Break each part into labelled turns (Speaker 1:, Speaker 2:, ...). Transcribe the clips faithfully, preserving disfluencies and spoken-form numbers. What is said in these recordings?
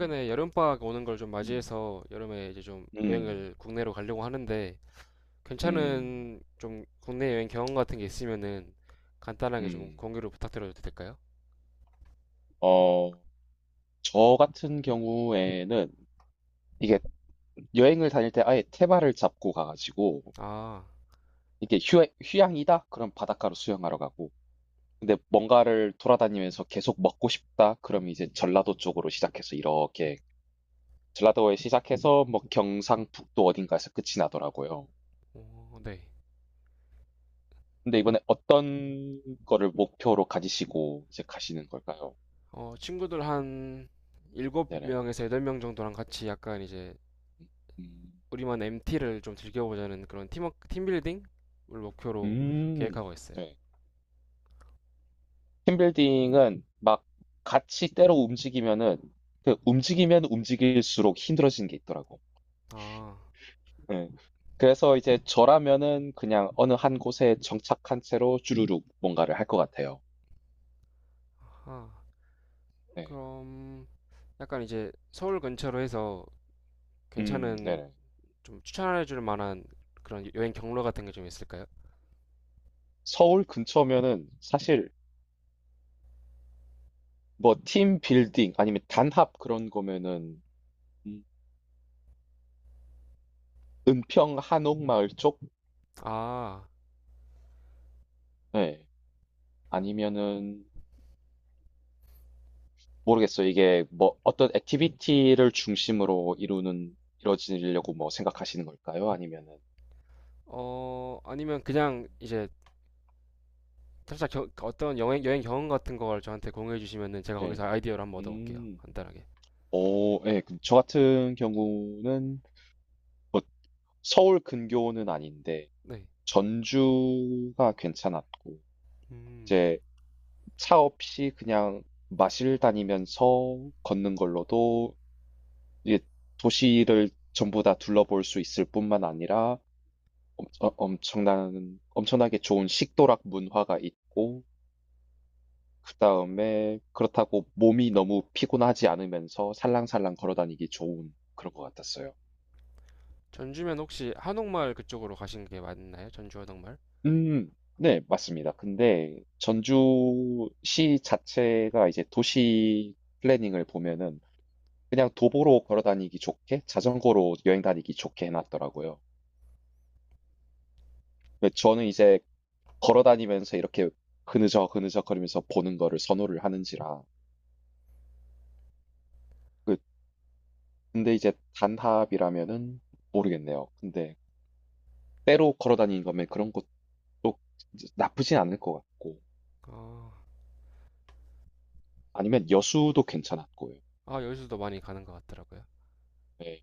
Speaker 1: 음.
Speaker 2: 여름방학 오는 걸 좀 맞이해서 여름에 이제 좀
Speaker 1: 음.
Speaker 2: 여행을 국내로 가려고 하는데
Speaker 1: 음.
Speaker 2: 괜찮은 좀 국내 여행 경험 같은 게 있으면은 간단하게 좀
Speaker 1: 음.
Speaker 2: 공유를 부탁드려도 될까요?
Speaker 1: 어, 저 같은 경우에는 이게 여행을 다닐 때 아예 테마를 잡고 가가지고
Speaker 2: 아,
Speaker 1: 이게 휴, 휴양이다? 그럼 바닷가로 수영하러 가고. 근데 뭔가를 돌아다니면서 계속 먹고 싶다? 그럼 이제 전라도 쪽으로 시작해서 이렇게 전라도에 시작해서 뭐 경상북도 어딘가에서 끝이 나더라고요.
Speaker 2: 어, 네.
Speaker 1: 근데 이번에 어떤 거를 목표로 가지시고 이제 가시는 걸까요?
Speaker 2: 어, 친구들 한
Speaker 1: 네네.
Speaker 2: 칠 명에서 팔 명 정도랑 같이 약간 이제
Speaker 1: 음.
Speaker 2: 우리만 엠티를 좀 즐겨보자는 그런 팀워 팀빌딩을 목표로
Speaker 1: 음.
Speaker 2: 계획하고 있어요.
Speaker 1: 네. 팀빌딩은 막 같이 때로 움직이면은 그 움직이면 움직일수록 힘들어지는 게 있더라고.
Speaker 2: 아,
Speaker 1: 예. 그래서 이제 저라면은 그냥 어느 한 곳에 정착한 채로 주르륵 뭔가를 할 것 같아요.
Speaker 2: 아,
Speaker 1: 네.
Speaker 2: 그럼 약간 이제 서울 근처로 해서
Speaker 1: 음,
Speaker 2: 괜찮은
Speaker 1: 네네.
Speaker 2: 좀 추천해 줄 만한 그런 여행 경로 같은 게 좀 있을까요?
Speaker 1: 서울 근처면은 사실 뭐 팀빌딩 아니면 단합 그런 거면은, 음, 은평 한옥마을 쪽?
Speaker 2: 아,
Speaker 1: 네. 아니면은 모르겠어요. 이게 뭐 어떤 액티비티를 중심으로 이루는 이루어지려고 뭐 생각하시는 걸까요? 아니면은.
Speaker 2: 어, 아니면 그냥 이제 살짝 겨- 어떤 여행, 여행 경험 같은 걸 저한테 공유해 주시면은 제가
Speaker 1: 네.
Speaker 2: 거기서 아이디어를 한번 얻어볼게요.
Speaker 1: 음.
Speaker 2: 간단하게.
Speaker 1: 오, 예. 그저 같은 경우는 뭐 서울 근교는 아닌데
Speaker 2: 네.
Speaker 1: 전주가 괜찮았고,
Speaker 2: 음.
Speaker 1: 이제 차 없이 그냥 마실 다니면서 걷는 걸로도 이게 도시를 전부 다 둘러볼 수 있을 뿐만 아니라 엄- 어, 엄청난, 엄청나게 좋은 식도락 문화가 있고, 그다음에 그렇다고 몸이 너무 피곤하지 않으면서 살랑살랑 걸어 다니기 좋은 그런 것 같았어요.
Speaker 2: 전주면 혹시 한옥마을 그쪽으로 가신 게 맞나요? 전주 한옥마을?
Speaker 1: 음, 네, 맞습니다. 근데 전주시 자체가 이제 도시 플래닝을 보면은 그냥 도보로 걸어 다니기 좋게, 자전거로 여행 다니기 좋게 해놨더라고요. 근데 저는 이제 걸어 다니면서 이렇게 그느적 그느적 거리면서 보는 거를 선호를 하는지라. 그- 근데 이제 단합이라면은 모르겠네요. 근데 때로 걸어 다니는 거면 그런 것 또 나쁘진 않을 것 같고,
Speaker 2: 아,
Speaker 1: 아니면 여수도 괜찮았고요.
Speaker 2: 아, 여기서도 많이 가는 것 같더라고요.
Speaker 1: 네.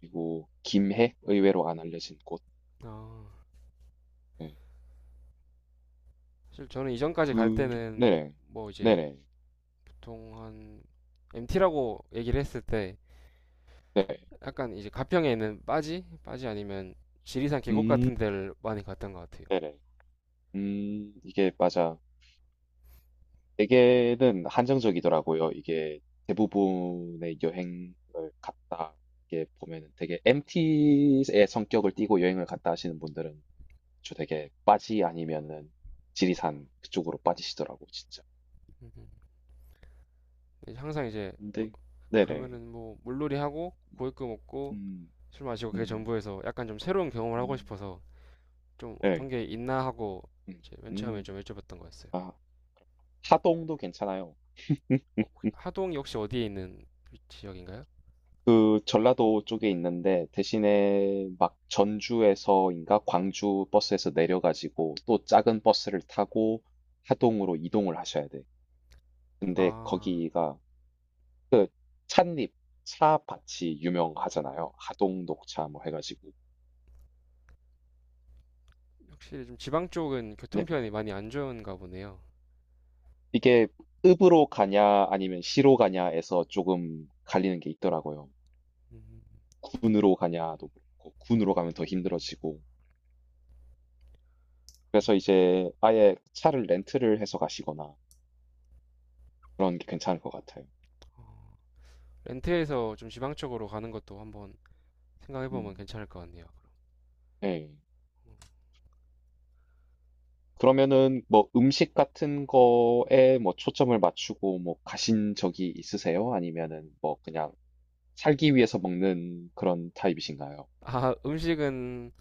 Speaker 1: 그리고 김해, 의외로 안 알려진 곳.
Speaker 2: 아,
Speaker 1: 네.
Speaker 2: 사실 저는 이전까지 갈
Speaker 1: 그
Speaker 2: 때는
Speaker 1: 네네.
Speaker 2: 뭐 이제
Speaker 1: 네네.
Speaker 2: 보통 한 엠티라고 얘기를 했을 때
Speaker 1: 네.
Speaker 2: 약간 이제 가평에 있는 빠지? 빠지 아니면 지리산 계곡
Speaker 1: 음,
Speaker 2: 같은 데를 많이 갔던 것 같아요.
Speaker 1: 네네, 음 이게 맞아. 대개는 한정적이더라고요. 이게 대부분의 여행을 갔다 이게 보면은 되게 엠티의 성격을 띠고 여행을 갔다 하시는 분들은 저 되게 빠지 아니면은 지리산 그쪽으로 빠지시더라고, 진짜.
Speaker 2: 항상 이제
Speaker 1: 근데. 네네.
Speaker 2: 가면은 뭐 물놀이 하고 고기구 먹고
Speaker 1: 음.
Speaker 2: 술 마시고 그게
Speaker 1: 음.
Speaker 2: 전부에서 약간 좀 새로운 경험을 하고
Speaker 1: 음.
Speaker 2: 싶어서 좀
Speaker 1: 네.
Speaker 2: 어떤 게 있나 하고
Speaker 1: 음.
Speaker 2: 이제 맨 처음에
Speaker 1: 음.
Speaker 2: 좀 여쭤봤던 거였어요.
Speaker 1: 아, 하동도 괜찮아요.
Speaker 2: 어, 하동이 혹시 어디에 있는 지역인가요?
Speaker 1: 그 전라도 쪽에 있는데 대신에 막 전주에서인가 광주 버스에서 내려 가지고 또 작은 버스를 타고 하동으로 이동을 하셔야 돼. 근데
Speaker 2: 아,
Speaker 1: 거기가 그 찻잎, 차밭이 유명하잖아요. 하동 녹차 뭐 해 가지고.
Speaker 2: 확실히 좀 지방 쪽은
Speaker 1: 네네.
Speaker 2: 교통편이 많이 안 좋은가 보네요.
Speaker 1: 이게 읍으로 가냐 아니면 시로 가냐에서 조금 갈리는 게 있더라고요. 군으로 가냐도 그렇고, 군으로 가면 더 힘들어지고. 그래서 이제 아예 차를 렌트를 해서 가시거나 그런 게 괜찮을 것 같아요.
Speaker 2: 렌트해서 좀 지방 쪽으로 가는 것도 한번 생각해보면
Speaker 1: 음,
Speaker 2: 괜찮을 것 같네요.
Speaker 1: 네. 그러면은 뭐 음식 같은 거에 뭐 초점을 맞추고 뭐 가신 적이 있으세요? 아니면은 뭐 그냥 살기 위해서 먹는 그런 타입이신가요?
Speaker 2: 아, 음식은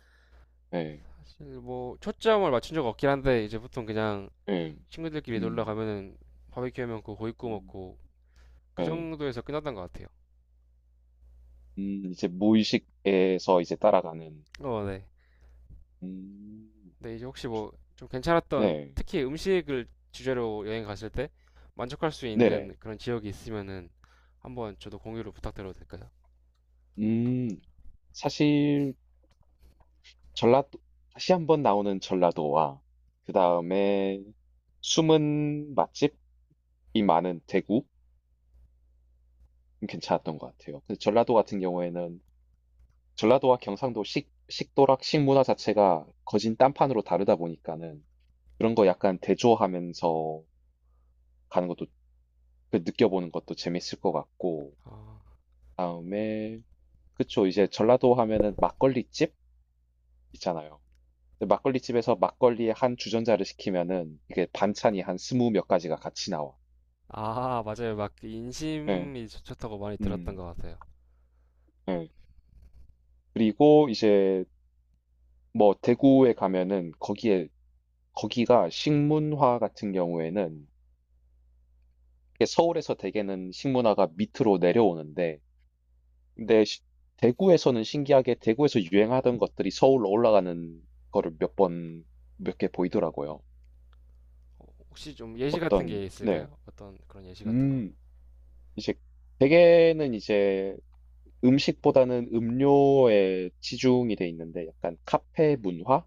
Speaker 1: 네.
Speaker 2: 뭐 초점을 맞춘 적 없긴 한데 이제 보통 그냥
Speaker 1: 네.
Speaker 2: 친구들끼리 놀러
Speaker 1: 음,
Speaker 2: 가면은 바베큐 하면 그 고기 구워
Speaker 1: 음,
Speaker 2: 먹고 그
Speaker 1: 네.
Speaker 2: 정도에서 끝났던 것 같아요.
Speaker 1: 음, 이제 무의식에서 이제 따라가는.
Speaker 2: 어, 네.
Speaker 1: 음,
Speaker 2: 근데 이제 혹시 뭐 좀 괜찮았던
Speaker 1: 네,
Speaker 2: 특히 음식을 주제로 여행 갔을 때 만족할 수
Speaker 1: 네네.
Speaker 2: 있는 그런 지역이 있으면은 한번 저도 공유를 부탁드려도 될까요?
Speaker 1: 음, 사실 전라도, 다시 한번 나오는 전라도와, 그 다음에 숨은 맛집이 많은 대구? 괜찮았던 것 같아요. 근데 전라도 같은 경우에는, 전라도와 경상도 식, 식도락, 식문화 자체가 거진 딴판으로 다르다 보니까는, 그런 거 약간 대조하면서 가는 것도, 그 느껴보는 것도 재밌을 것 같고,
Speaker 2: 아,
Speaker 1: 다음에, 그쵸, 이제 전라도 하면은 막걸리집? 있잖아요. 근데 막걸리집에서 막걸리에 한 주전자를 시키면은 이게 반찬이 한 스무 몇 가지가 같이 나와.
Speaker 2: 아, 맞아요. 막그
Speaker 1: 네.
Speaker 2: 인심이 좋- 좋다고 많이 들었던
Speaker 1: 음.
Speaker 2: 것 같아요.
Speaker 1: 네. 그리고 이제 뭐 대구에 가면은 거기에 거기가 식문화 같은 경우에는 이게 서울에서 대개는 식문화가 밑으로 내려오는데, 근데 시- 대구에서는 신기하게 대구에서 유행하던 것들이 서울로 올라가는 거를 몇 번, 몇 개 보이더라고요.
Speaker 2: 혹시 좀 예시 같은 게
Speaker 1: 어떤, 네.
Speaker 2: 있을까요? 어떤 그런 예시 같은 거?
Speaker 1: 음, 이제 대개는 이제 음식보다는 음료에 치중이 돼 있는데, 약간 카페 문화?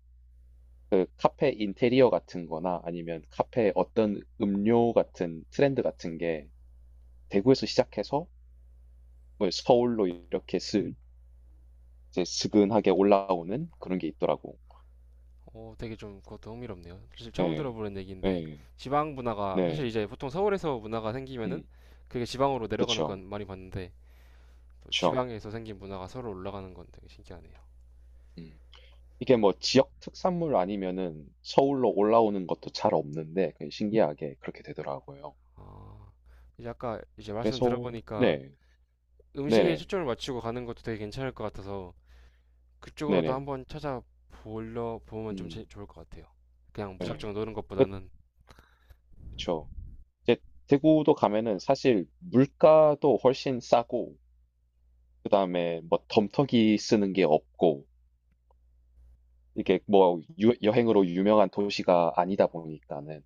Speaker 1: 카페 인테리어 같은 거나 아니면 카페 어떤 음료 같은 트렌드 같은 게 대구에서 시작해서 뭐 서울로 이렇게 스, 이제 스근하게 올라오는 그런 게 있더라고.
Speaker 2: 오, 되게 좀 그것도 흥미롭네요. 사실 처음
Speaker 1: 예,
Speaker 2: 들어보는 얘기인데
Speaker 1: 예,
Speaker 2: 지방 문화가 사실
Speaker 1: 네,
Speaker 2: 이제 보통 서울에서 문화가 생기면은
Speaker 1: 음,
Speaker 2: 그게 지방으로 내려가는
Speaker 1: 그쵸,
Speaker 2: 건 많이 봤는데 또
Speaker 1: 그쵸.
Speaker 2: 지방에서 생긴 문화가 서로 올라가는 건 되게 신기하네요.
Speaker 1: 음. 이게 뭐 지역 특산물 아니면은 서울로 올라오는 것도 잘 없는데 그냥 신기하게 그렇게 되더라고요.
Speaker 2: 아, 이제 아까 이제 말씀
Speaker 1: 그래서,
Speaker 2: 들어보니까
Speaker 1: 네,
Speaker 2: 음식에
Speaker 1: 네네,
Speaker 2: 초점을 맞추고 가는 것도 되게 괜찮을 것 같아서 그쪽으로도
Speaker 1: 네네,
Speaker 2: 한번 찾아보려 보면 좀 제-
Speaker 1: 음,
Speaker 2: 좋을 것 같아요. 그냥
Speaker 1: 네,
Speaker 2: 무작정 노는 것보다는.
Speaker 1: 그쵸. 이제 대구도 가면은 사실 물가도 훨씬 싸고, 그다음에 뭐 덤터기 쓰는 게 없고, 이게 뭐 유- 여행으로 유명한 도시가 아니다 보니까는.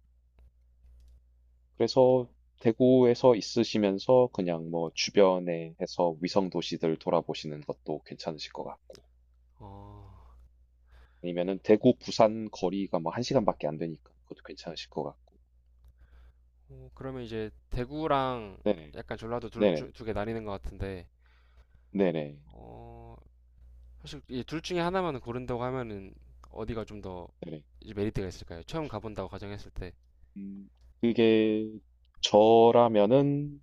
Speaker 1: 그래서 대구에서 있으시면서 그냥 뭐 주변에 해서 위성 도시들 돌아보시는 것도 괜찮으실 것 같고,
Speaker 2: 어,
Speaker 1: 아니면은 대구 부산 거리가 뭐 한 시간밖에 안 되니까 그것도 괜찮으실 것 같고.
Speaker 2: 어, 그러면 이제 대구랑
Speaker 1: 네네,
Speaker 2: 약간 전라도 둘
Speaker 1: 네네,
Speaker 2: 중 두개 나뉘는 것 같은데
Speaker 1: 네네,
Speaker 2: 어, 사실 이 둘 중에 하나만 고른다고 하면은 어디가 좀 더
Speaker 1: 네네.
Speaker 2: 이제 메리트가 있을까요? 처음 가본다고 가정했을 때.
Speaker 1: 음, 그게 저라면은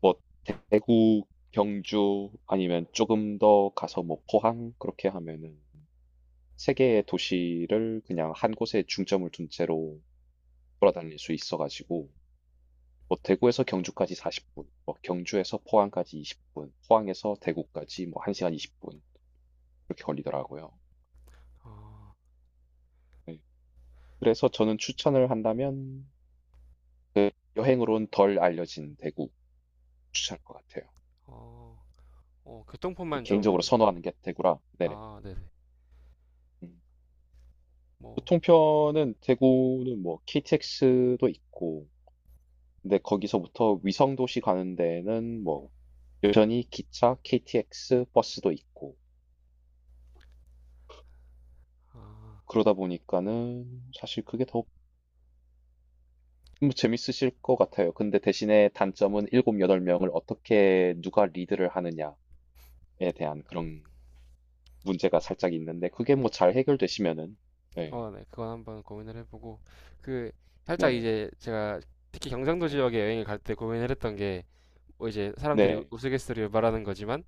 Speaker 1: 뭐 대구, 경주 아니면 조금 더 가서 뭐 포항, 그렇게 하면은 세 개의 도시를 그냥 한 곳에 중점을 둔 채로 돌아다닐 수 있어가지고 뭐 대구에서 경주까지 사십 분, 뭐 경주에서 포항까지 이십 분, 포항에서 대구까지 뭐 한 시간 이십 분, 그렇게 걸리더라고요.
Speaker 2: 어,
Speaker 1: 네. 그래서 저는 추천을 한다면 여행으로는 덜 알려진 대구, 추천할 것 같아요.
Speaker 2: 어, 어, 교통편만
Speaker 1: 개인적으로
Speaker 2: 좀,
Speaker 1: 선호하는 게 대구라. 네네.
Speaker 2: 아, 네네.
Speaker 1: 음.
Speaker 2: 뭐,
Speaker 1: 교통편은, 대구는 뭐 케이티엑스도 있고, 근데 거기서부터 위성도시 가는 데는 뭐 여전히 기차, 케이티엑스, 버스도 있고,
Speaker 2: 아,
Speaker 1: 그러다 보니까는 사실 그게 더 뭐 재밌으실 것 같아요. 근데 대신에 단점은 일곱, 여덟 명을 어떻게 누가 리드를 하느냐에 대한 그런 문제가 살짝 있는데, 그게 뭐 잘 해결되시면은, 네,
Speaker 2: 어, 네. 그건 한번 고민을 해보고. 그, 살짝
Speaker 1: 네네,
Speaker 2: 이제 제가 특히 경상도
Speaker 1: 네,
Speaker 2: 지역에 여행을 갈 때 고민을 했던 게, 뭐 이제 사람들이
Speaker 1: 네,
Speaker 2: 우스갯소리로 말하는 거지만,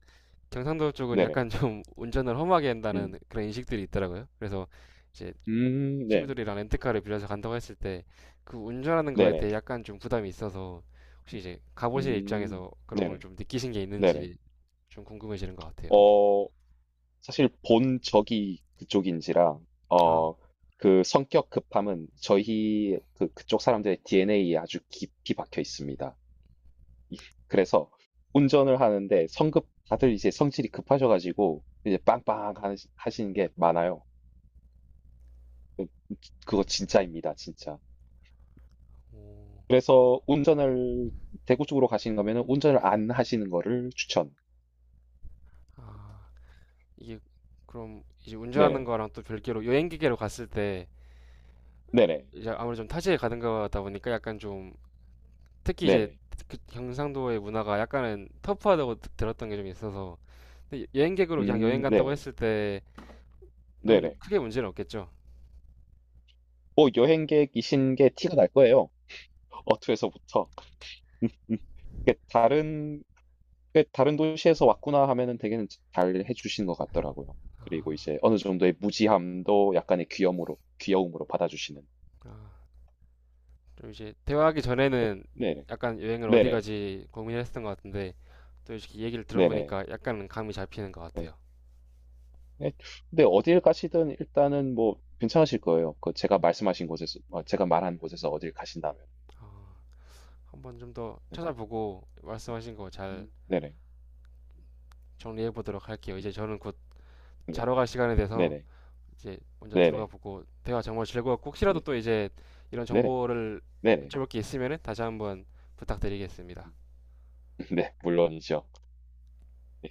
Speaker 2: 경상도 쪽은
Speaker 1: 네네,
Speaker 2: 약간 좀 운전을 험하게 한다는
Speaker 1: 음,
Speaker 2: 그런 인식들이 있더라고요. 그래서 이제
Speaker 1: 음, 네,
Speaker 2: 친구들이랑 렌트카를 빌려서 간다고 했을 때 그 운전하는 거에
Speaker 1: 네네,
Speaker 2: 대해 약간 좀 부담이 있어서 혹시
Speaker 1: 음,
Speaker 2: 이제 가보실
Speaker 1: 음,
Speaker 2: 입장에서 그런 걸
Speaker 1: 네네.
Speaker 2: 좀 느끼신 게
Speaker 1: 네네.
Speaker 2: 있는지 좀 궁금해지는 것 같아요.
Speaker 1: 어, 사실 본 적이 그쪽인지라,
Speaker 2: 아,
Speaker 1: 어, 그 성격 급함은 저희 그, 그쪽 사람들의 디엔에이에 아주 깊이 박혀 있습니다. 이- 그래서 운전을 하는데 성급, 다들 이제 성질이 급하셔가지고 이제 빵빵 하시- 하시는 게 많아요. 그- 그거 진짜입니다, 진짜.
Speaker 2: 오,
Speaker 1: 그래서 운전을 대구 쪽으로 가시는 거면은 운전을 안 하시는 거를 추천.
Speaker 2: 아, 이게 그럼 이제 운전하는
Speaker 1: 네네.
Speaker 2: 거랑 또 별개로 여행 기계로 갔을 때
Speaker 1: 네네.
Speaker 2: 이제 아무래도 좀 타지에 가는 거다 보니까 약간 좀 특히 이제
Speaker 1: 네네.
Speaker 2: 그 경상도의 문화가 약간은 터프하다고 드- 들었던 게 좀 있어서 근데 여행객으로 그냥 여행
Speaker 1: 음,
Speaker 2: 간다고
Speaker 1: 네.
Speaker 2: 했을 때는
Speaker 1: 네네.
Speaker 2: 크게 문제는 없겠죠.
Speaker 1: 뭐 여행객이신 게 티가 날 거예요. 어투에서부터. 그 다른 그 다른 도시에서 왔구나 하면은 되게 잘 해주신 것 같더라고요. 그리고 이제 어느 정도의 무지함도 약간의 귀염으로 귀여움으로 받아주시는.
Speaker 2: 좀 이제 대화하기 전에는
Speaker 1: 네,
Speaker 2: 약간 여행을 어디
Speaker 1: 네네,
Speaker 2: 가지 고민을 했던 것 같은데 또 이렇게 얘기를
Speaker 1: 네네.
Speaker 2: 들어보니까 약간 감이 잡히는 것
Speaker 1: 네.
Speaker 2: 같아요.
Speaker 1: 네. 근데 어딜 가시든 일단은 뭐 괜찮으실 거예요. 그 제가 말씀하신 곳에서 어, 제가 말한 곳에서 어딜 가신다면.
Speaker 2: 어, 한번 좀 더
Speaker 1: 네.
Speaker 2: 찾아보고 말씀하신 거 잘
Speaker 1: 음, 네네,
Speaker 2: 정리해 보도록 할게요. 이제 저는 곧
Speaker 1: 네,
Speaker 2: 자러 갈 시간대 돼서
Speaker 1: 네네,
Speaker 2: 이제 먼저 들어가
Speaker 1: 네네,
Speaker 2: 보고 대화 정말 즐거웠고 혹시라도
Speaker 1: 네,
Speaker 2: 또 이제 이런
Speaker 1: 네네,
Speaker 2: 정보를
Speaker 1: 네네,
Speaker 2: 여쭤볼 게 있으면은 다시 한번 부탁드리겠습니다.
Speaker 1: 음, 네, 물론이죠.